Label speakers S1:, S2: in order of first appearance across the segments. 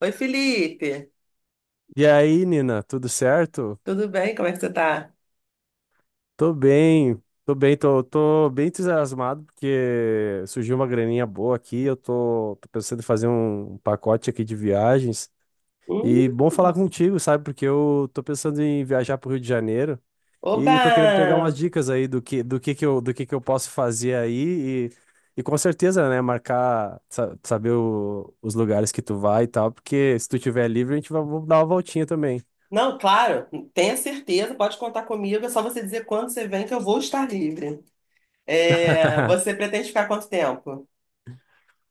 S1: Oi, Felipe.
S2: E aí, Nina, tudo certo?
S1: Tudo bem? Como é que você tá?
S2: Tô bem, tô bem entusiasmado porque surgiu uma graninha boa aqui. Eu tô pensando em fazer um pacote aqui de viagens.
S1: Hum.
S2: E bom falar contigo, sabe? Porque eu tô pensando em viajar pro Rio de Janeiro
S1: Oba!
S2: e tô querendo pegar umas dicas aí do que eu, do que eu posso fazer aí e com certeza, né, marcar, saber os lugares que tu vai e tal, porque se tu tiver livre, a gente vai vamos dar uma voltinha também.
S1: Não, claro, tenha certeza, pode contar comigo. É só você dizer quando você vem que eu vou estar livre. É, você pretende ficar quanto tempo?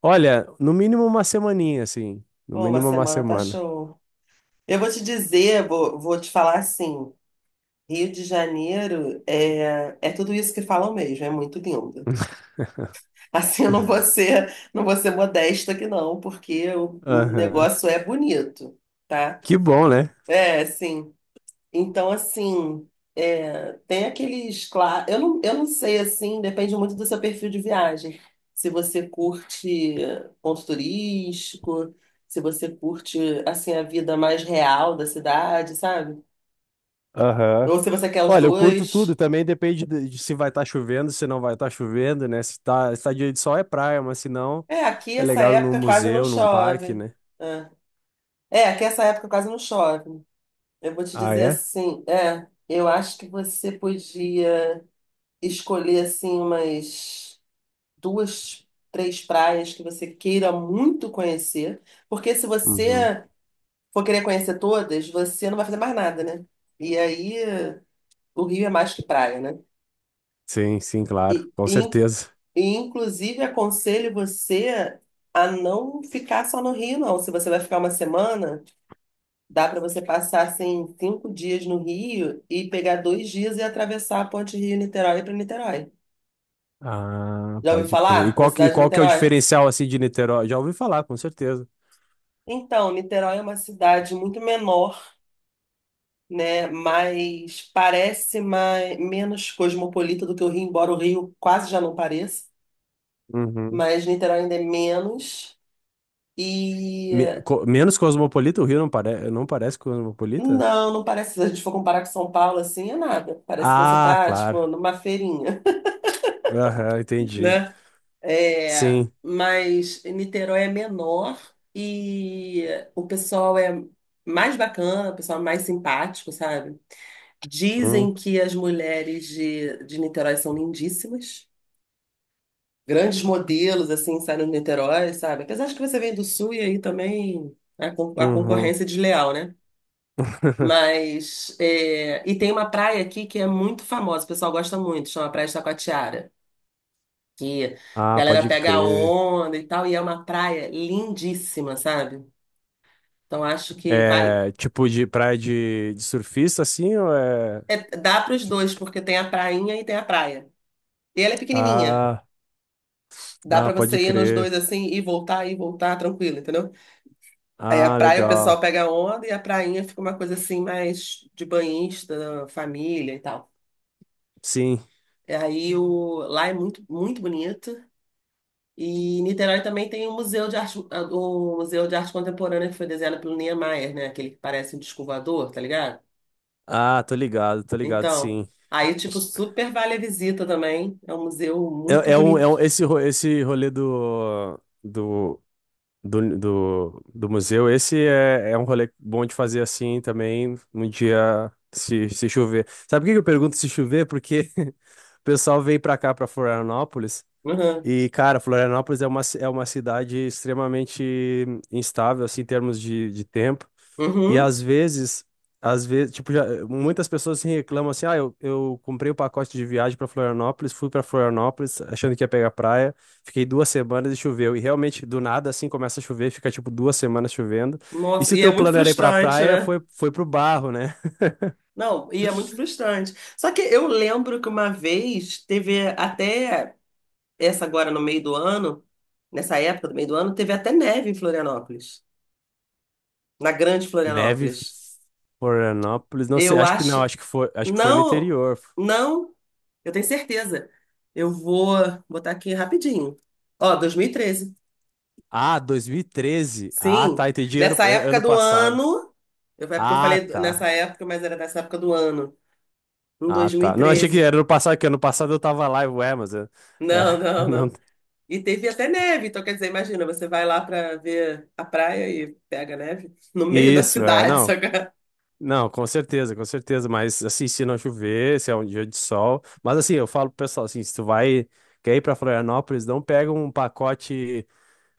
S2: Olha, no mínimo uma semaninha, assim. No
S1: Pô, uma
S2: mínimo uma
S1: semana tá
S2: semana.
S1: show. Eu vou te dizer, vou te falar assim: Rio de Janeiro é tudo isso que falam mesmo, é muito lindo. Assim, eu não vou ser modesta aqui, não, porque o
S2: Aham.
S1: negócio é bonito, tá?
S2: Que bom, né?
S1: É, sim. Então, assim, é, tem aqueles, claro, eu não sei, assim, depende muito do seu perfil de viagem. Se você curte ponto turístico, se você curte, assim, a vida mais real da cidade, sabe?
S2: Aham.
S1: Ou se você quer os
S2: Olha, eu curto tudo,
S1: dois.
S2: também depende de se vai estar chovendo, se não vai estar chovendo, né? Se tá dia de sol é praia, mas se não,
S1: É, aqui
S2: é
S1: essa
S2: legal ir num
S1: época quase não
S2: museu, num parque,
S1: chove.
S2: né?
S1: É, é aqui essa época quase não chove. Eu vou te
S2: Ah,
S1: dizer
S2: é?
S1: assim, é, eu acho que você podia escolher, assim, umas duas, três praias que você queira muito conhecer, porque se
S2: Uhum.
S1: você for querer conhecer todas, você não vai fazer mais nada, né? E aí o Rio é mais que praia, né?
S2: Sim, sim, claro,
S1: E,
S2: com
S1: e,
S2: certeza.
S1: e inclusive aconselho você a não ficar só no Rio, não. Se você vai ficar uma semana, dá para você passar assim cinco dias no Rio e pegar dois dias e atravessar a ponte Rio-Niterói para Niterói.
S2: Ah,
S1: Já ouviu
S2: pode crer. E
S1: falar da
S2: qual, e
S1: cidade de
S2: qual que é o
S1: Niterói?
S2: diferencial, assim, de Niterói? Já ouvi falar, com certeza.
S1: Então, Niterói é uma cidade muito menor, né? Mas parece mais, menos cosmopolita do que o Rio, embora o Rio quase já não pareça,
S2: Uhum.
S1: mas Niterói ainda é menos. E
S2: Menos cosmopolita, o Rio não, pare não parece cosmopolita?
S1: não, não parece, se a gente for comparar com São Paulo, assim, é nada. Parece que você
S2: Ah,
S1: tá,
S2: claro.
S1: tipo, numa feirinha,
S2: Aham, entendi.
S1: né? É,
S2: Sim.
S1: mas Niterói é menor e o pessoal é mais bacana, o pessoal é mais simpático, sabe?
S2: Hum.
S1: Dizem que as mulheres de Niterói são lindíssimas. Grandes modelos assim saindo de Niterói, sabe? Apesar de que você vem do Sul e aí também a
S2: Uhum.
S1: concorrência é desleal, né? Mas é, e tem uma praia aqui que é muito famosa, o pessoal gosta muito, chama Praia de Taquatiara, que a
S2: Ah,
S1: galera
S2: pode
S1: pega a
S2: crer.
S1: onda e tal, e é uma praia lindíssima, sabe? Então acho que vale,
S2: É tipo de praia de surfista, assim, ou é.
S1: é, dá para os dois, porque tem a prainha e tem a praia. E ela é pequenininha,
S2: Ah,
S1: dá
S2: ah,
S1: para
S2: pode
S1: você ir nos
S2: crer.
S1: dois assim e voltar tranquilo, entendeu? Aí a
S2: Ah,
S1: praia o pessoal
S2: legal.
S1: pega onda e a prainha fica uma coisa assim mais de banhista, família e tal.
S2: Sim.
S1: E aí lá é muito, muito bonito. E Niterói também tem o Museu de Arte, ah, o Museu de Arte Contemporânea que foi desenhado pelo Niemeyer, né? Aquele que parece um disco voador, tá ligado?
S2: Ah, tô ligado,
S1: Então,
S2: sim.
S1: aí tipo super vale a visita também. É um museu muito bonito.
S2: Esse rolê do museu, esse é um rolê bom de fazer assim também, um dia se chover. Sabe por que que eu pergunto se chover? Porque o pessoal vem pra cá, pra Florianópolis,
S1: Uhum.
S2: e, cara, Florianópolis é é uma cidade extremamente instável, assim, em termos de tempo. E
S1: Uhum.
S2: às vezes, tipo, já, muitas pessoas assim, reclamam assim: ah, eu comprei o pacote de viagem para Florianópolis, fui para Florianópolis achando que ia pegar praia, fiquei 2 semanas e choveu. E realmente, do nada, assim, começa a chover, fica tipo 2 semanas chovendo. E
S1: Nossa,
S2: se o
S1: e é
S2: teu
S1: muito
S2: plano era ir pra
S1: frustrante,
S2: praia,
S1: né?
S2: foi pro barro, né?
S1: Não, e é muito frustrante. Só que eu lembro que uma vez teve até essa agora no meio do ano, nessa época do meio do ano, teve até neve em Florianópolis, na Grande
S2: Neve,
S1: Florianópolis.
S2: Florianópolis, não sei,
S1: Eu
S2: acho que não,
S1: acho,
S2: acho que foi no
S1: não,
S2: interior.
S1: não, eu tenho certeza. Eu vou botar aqui rapidinho. Ó, 2013.
S2: Ah, 2013. Ah,
S1: Sim,
S2: tá, entendi
S1: nessa época
S2: ano
S1: do
S2: passado.
S1: ano, é porque eu
S2: Ah,
S1: falei
S2: tá.
S1: nessa época, mas era nessa época do ano, em
S2: Ah, tá. Não, achei que
S1: 2013.
S2: era no passado, que ano passado eu tava lá, e ué, mas... É,
S1: Não, não,
S2: não...
S1: não. E teve até neve, então quer dizer, imagina, você vai lá para ver a praia e pega neve no meio da
S2: Isso, é,
S1: cidade,
S2: não.
S1: sabe?
S2: Não, com certeza, mas assim, se não chover, se é um dia de sol... Mas assim, eu falo pro pessoal, assim, se tu vai, quer ir pra Florianópolis, não pega um pacote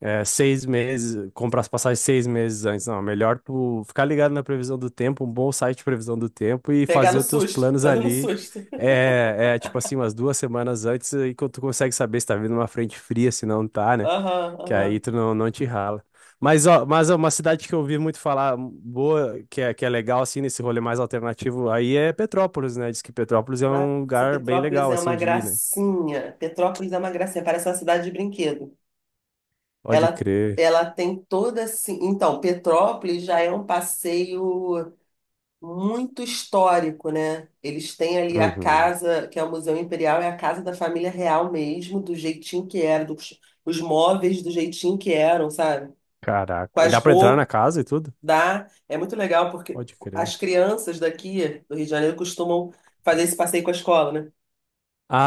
S2: é, 6 meses, comprar as passagens 6 meses antes, não. É melhor tu ficar ligado na previsão do tempo, um bom site de previsão do tempo e
S1: Pegar
S2: fazer
S1: no
S2: os teus
S1: susto,
S2: planos
S1: fazendo
S2: ali...
S1: susto.
S2: É, tipo assim, umas 2 semanas antes, e quando tu consegue saber se tá vindo uma frente fria, se não tá, né?
S1: Aham,
S2: Que aí
S1: aham.
S2: tu não, não te rala. Mas ó, uma cidade que eu ouvi muito falar boa, que é legal, assim, nesse rolê mais alternativo, aí é Petrópolis, né? Diz que Petrópolis é um
S1: Nossa,
S2: lugar bem
S1: Petrópolis
S2: legal,
S1: é uma
S2: assim, de ir, né?
S1: gracinha. Petrópolis é uma gracinha, parece uma cidade de brinquedo.
S2: Pode
S1: Ela,
S2: crer.
S1: ela tem toda assim. Então, Petrópolis já é um passeio muito histórico, né? Eles têm ali a
S2: Uhum.
S1: casa, que é o Museu Imperial, é a casa da família real mesmo, do jeitinho que era, os móveis do jeitinho que eram, sabe?
S2: Caraca.
S1: Com
S2: E dá
S1: as
S2: pra entrar na
S1: roupas.
S2: casa e tudo?
S1: Dá, é muito legal porque
S2: Pode crer.
S1: as crianças daqui do Rio de Janeiro costumam fazer esse passeio com a escola, né?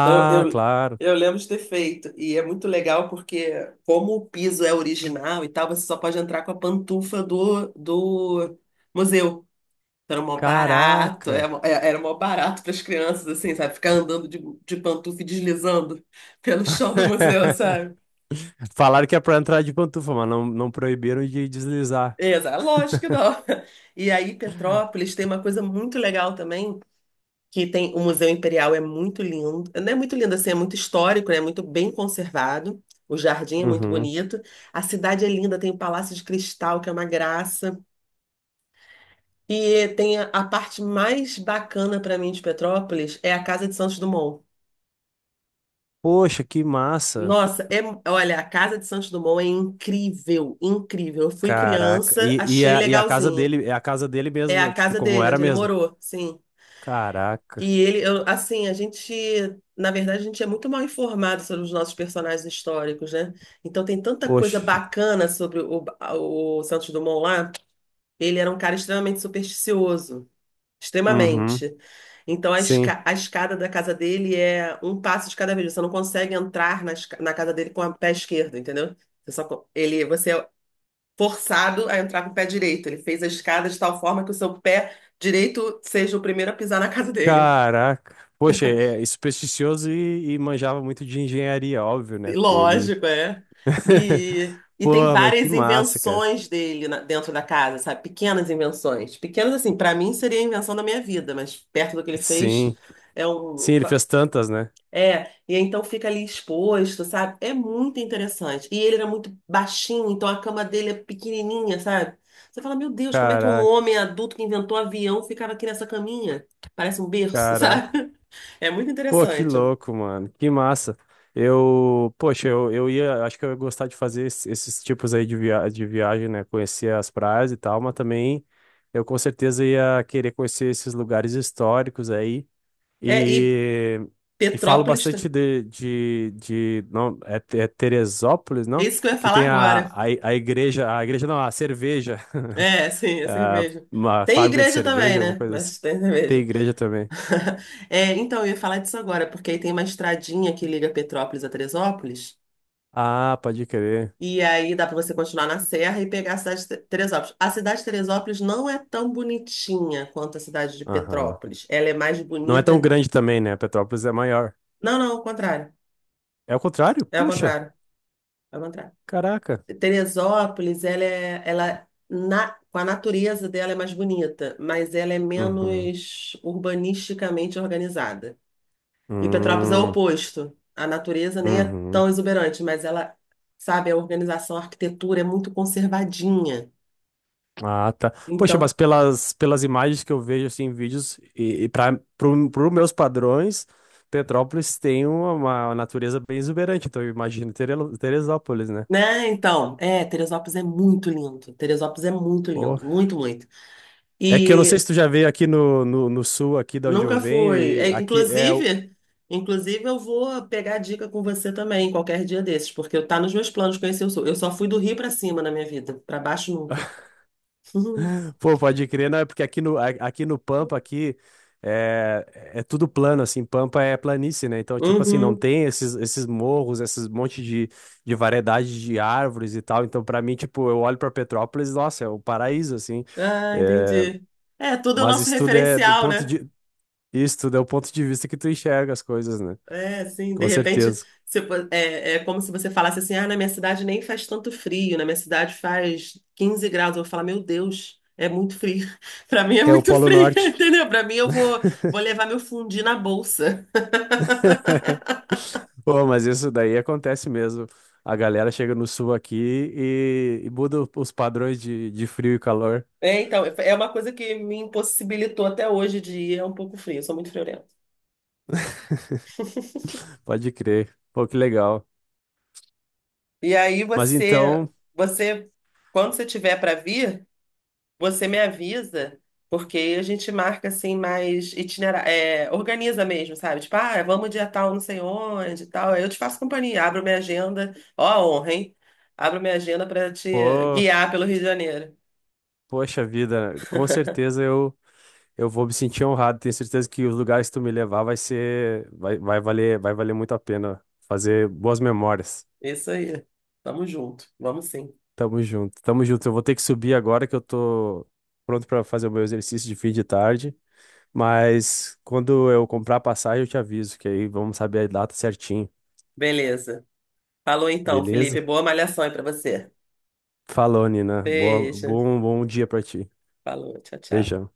S1: Então eu, eu,
S2: claro.
S1: eu lembro de ter feito e é muito legal porque como o piso é original e tal, você só pode entrar com a pantufa do museu. Então, era mó barato, era
S2: Caraca.
S1: mó é- era mó barato para as crianças, assim, sabe? Ficar andando de pantufa e deslizando pelo chão do museu, sabe?
S2: Falaram que é pra entrar de pantufa, mas não, não proibiram de deslizar.
S1: Exato, lógico que não. E aí, Petrópolis tem uma coisa muito legal também, que tem o Museu Imperial é muito lindo. Não é muito lindo assim, é muito histórico, né? É muito bem conservado. O jardim é muito
S2: Uhum.
S1: bonito. A cidade é linda, tem o Palácio de Cristal, que é uma graça. E tem a parte mais bacana para mim de Petrópolis é a Casa de Santos Dumont.
S2: Poxa, que massa.
S1: Nossa, é, olha, a Casa de Santos Dumont é incrível, incrível. Eu fui
S2: Caraca.
S1: criança,
S2: E, e,
S1: achei
S2: a, e a casa
S1: legalzinha.
S2: dele, é a casa dele
S1: É
S2: mesmo,
S1: a
S2: tipo,
S1: casa
S2: como
S1: dele,
S2: era
S1: onde ele
S2: mesmo.
S1: morou, sim.
S2: Caraca.
S1: E ele, eu- assim, a gente, na verdade, a gente é muito mal informado sobre os nossos personagens históricos, né? Então tem tanta coisa
S2: Poxa.
S1: bacana sobre o Santos Dumont lá. Ele era um cara extremamente supersticioso,
S2: Uhum.
S1: extremamente. Então a,
S2: Sim.
S1: esca- a escada da casa dele é um passo de cada vez. Você não consegue entrar na casa dele com o pé esquerdo, entendeu? Você só, co- ele, você é forçado a entrar com o pé direito. Ele fez a escada de tal forma que o seu pé direito seja o primeiro a pisar na casa dele.
S2: Caraca. Poxa, é supersticioso e manjava muito de engenharia, óbvio, né? Porque ele.
S1: Lógico, é. E tem
S2: Pô, mas que
S1: várias
S2: massa, cara.
S1: invenções dele dentro da casa, sabe? Pequenas invenções. Pequenas, assim, pra mim seria a invenção da minha vida, mas perto do que ele fez
S2: Sim.
S1: é
S2: Sim,
S1: um.
S2: ele fez tantas, né?
S1: É, e aí então fica ali exposto, sabe? É muito interessante. E ele era muito baixinho, então a cama dele é pequenininha, sabe? Você fala, meu Deus, como é que um
S2: Caraca.
S1: homem adulto que inventou avião ficava aqui nessa caminha? Parece um berço,
S2: Caraca.
S1: sabe? É muito
S2: Pô, que
S1: interessante.
S2: louco, mano. Que massa. Eu, poxa, eu ia, acho que eu ia gostar de fazer esses tipos aí de, via de viagem, né? Conhecer as praias e tal, mas também eu com certeza ia querer conhecer esses lugares históricos aí.
S1: E
S2: E, e falo
S1: Petrópolis, tá,
S2: bastante de não, é, é Teresópolis,
S1: é
S2: não?
S1: isso que eu ia
S2: Que
S1: falar
S2: tem
S1: agora.
S2: a igreja não, a cerveja,
S1: É, sim, é
S2: a
S1: cerveja.
S2: uma
S1: Tem
S2: fábrica de
S1: igreja também,
S2: cerveja, alguma
S1: né?
S2: coisa assim.
S1: Mas tem
S2: Tem
S1: cerveja.
S2: igreja também.
S1: É, então, eu ia falar disso agora, porque aí tem uma estradinha que liga Petrópolis a Teresópolis,
S2: Ah, pode crer.
S1: e aí dá pra você continuar na serra e pegar a cidade de Te- Teresópolis. A cidade de Teresópolis não é tão bonitinha quanto a cidade de
S2: Aham.
S1: Petrópolis. Ela é mais
S2: Não é tão
S1: bonita.
S2: grande também, né? Petrópolis é maior.
S1: Não, não, ao contrário.
S2: É o contrário?
S1: É ao
S2: Puxa,
S1: contrário. É ao contrário.
S2: caraca.
S1: Teresópolis, ela é, ela na, com a natureza dela é mais bonita, mas ela é
S2: Uhum.
S1: menos urbanisticamente organizada. E Petrópolis é o
S2: Hum,
S1: oposto. A natureza nem é
S2: uhum.
S1: tão exuberante, mas ela, sabe, a organização, a arquitetura é muito conservadinha.
S2: Ah, tá. Poxa, mas
S1: Então,
S2: pelas imagens que eu vejo assim, em vídeos, e para os meus padrões, Petrópolis tem uma natureza bem exuberante, então eu imagino Teresópolis, né?
S1: né? Então, é, Teresópolis é muito lindo. Teresópolis é muito
S2: Pô.
S1: lindo, muito, muito.
S2: É que eu não sei se
S1: E
S2: tu já veio aqui no sul, aqui de onde eu
S1: nunca
S2: venho,
S1: fui. É,
S2: e aqui é,
S1: inclusive, eu vou pegar a dica com você também, qualquer dia desses, porque eu tá nos meus planos conhecer o Sul. Eu só fui do Rio para cima na minha vida, para baixo nunca.
S2: Pô, pode crer, não, é porque aqui no, aqui no Pampa, aqui, é, tudo plano, assim, Pampa é planície, né? Então, tipo assim, não
S1: Uhum.
S2: tem esses morros, esses monte de variedade de árvores e tal. Então, pra mim, tipo, eu olho pra Petrópolis, nossa, é o paraíso, assim.
S1: Ah,
S2: É,
S1: entendi. É, tudo é o
S2: mas
S1: nosso
S2: isso tudo é do
S1: referencial,
S2: ponto
S1: né?
S2: de, isso tudo é o ponto de vista que tu enxerga as coisas, né?
S1: É, assim, de
S2: Com
S1: repente,
S2: certeza.
S1: se fo- é, é como se você falasse assim, ah, na minha cidade nem faz tanto frio, na minha cidade faz 15 graus. Eu vou falar, meu Deus, é muito frio. Pra mim é
S2: É o
S1: muito
S2: Polo
S1: frio,
S2: Norte.
S1: entendeu? Pra mim eu vou levar meu fundi na bolsa.
S2: Pô, mas isso daí acontece mesmo. A galera chega no sul aqui e muda os padrões de frio e calor.
S1: É, então, é uma coisa que me impossibilitou até hoje de ir, é um pouco frio, eu sou muito friorenta.
S2: Pode crer. Pô, que legal.
S1: E aí
S2: Mas então,
S1: você, quando você tiver para vir, você me avisa, porque a gente marca assim mais itinerário, é, organiza mesmo, sabe? Tipo, ah, vamos dia tal, não sei onde, e tal. Aí eu te faço companhia, abro minha agenda. Ó, a honra, hein? Abro minha agenda para te
S2: pô,
S1: guiar pelo Rio de Janeiro.
S2: poxa vida, com certeza eu vou me sentir honrado. Tenho certeza que os lugares que tu me levar vai ser, vai, vai valer muito a pena fazer boas memórias.
S1: Isso aí. Tamo junto. Vamos sim.
S2: Tamo junto, tamo junto. Eu vou ter que subir agora que eu tô pronto pra fazer o meu exercício de fim de tarde. Mas quando eu comprar a passagem, eu te aviso, que aí vamos saber a data certinho.
S1: Beleza. Falou então, Felipe.
S2: Beleza?
S1: Boa malhação aí para você.
S2: Falou, Nina.
S1: Beijo.
S2: Bom dia pra ti.
S1: Falou. Tchau, tchau.
S2: Beijão.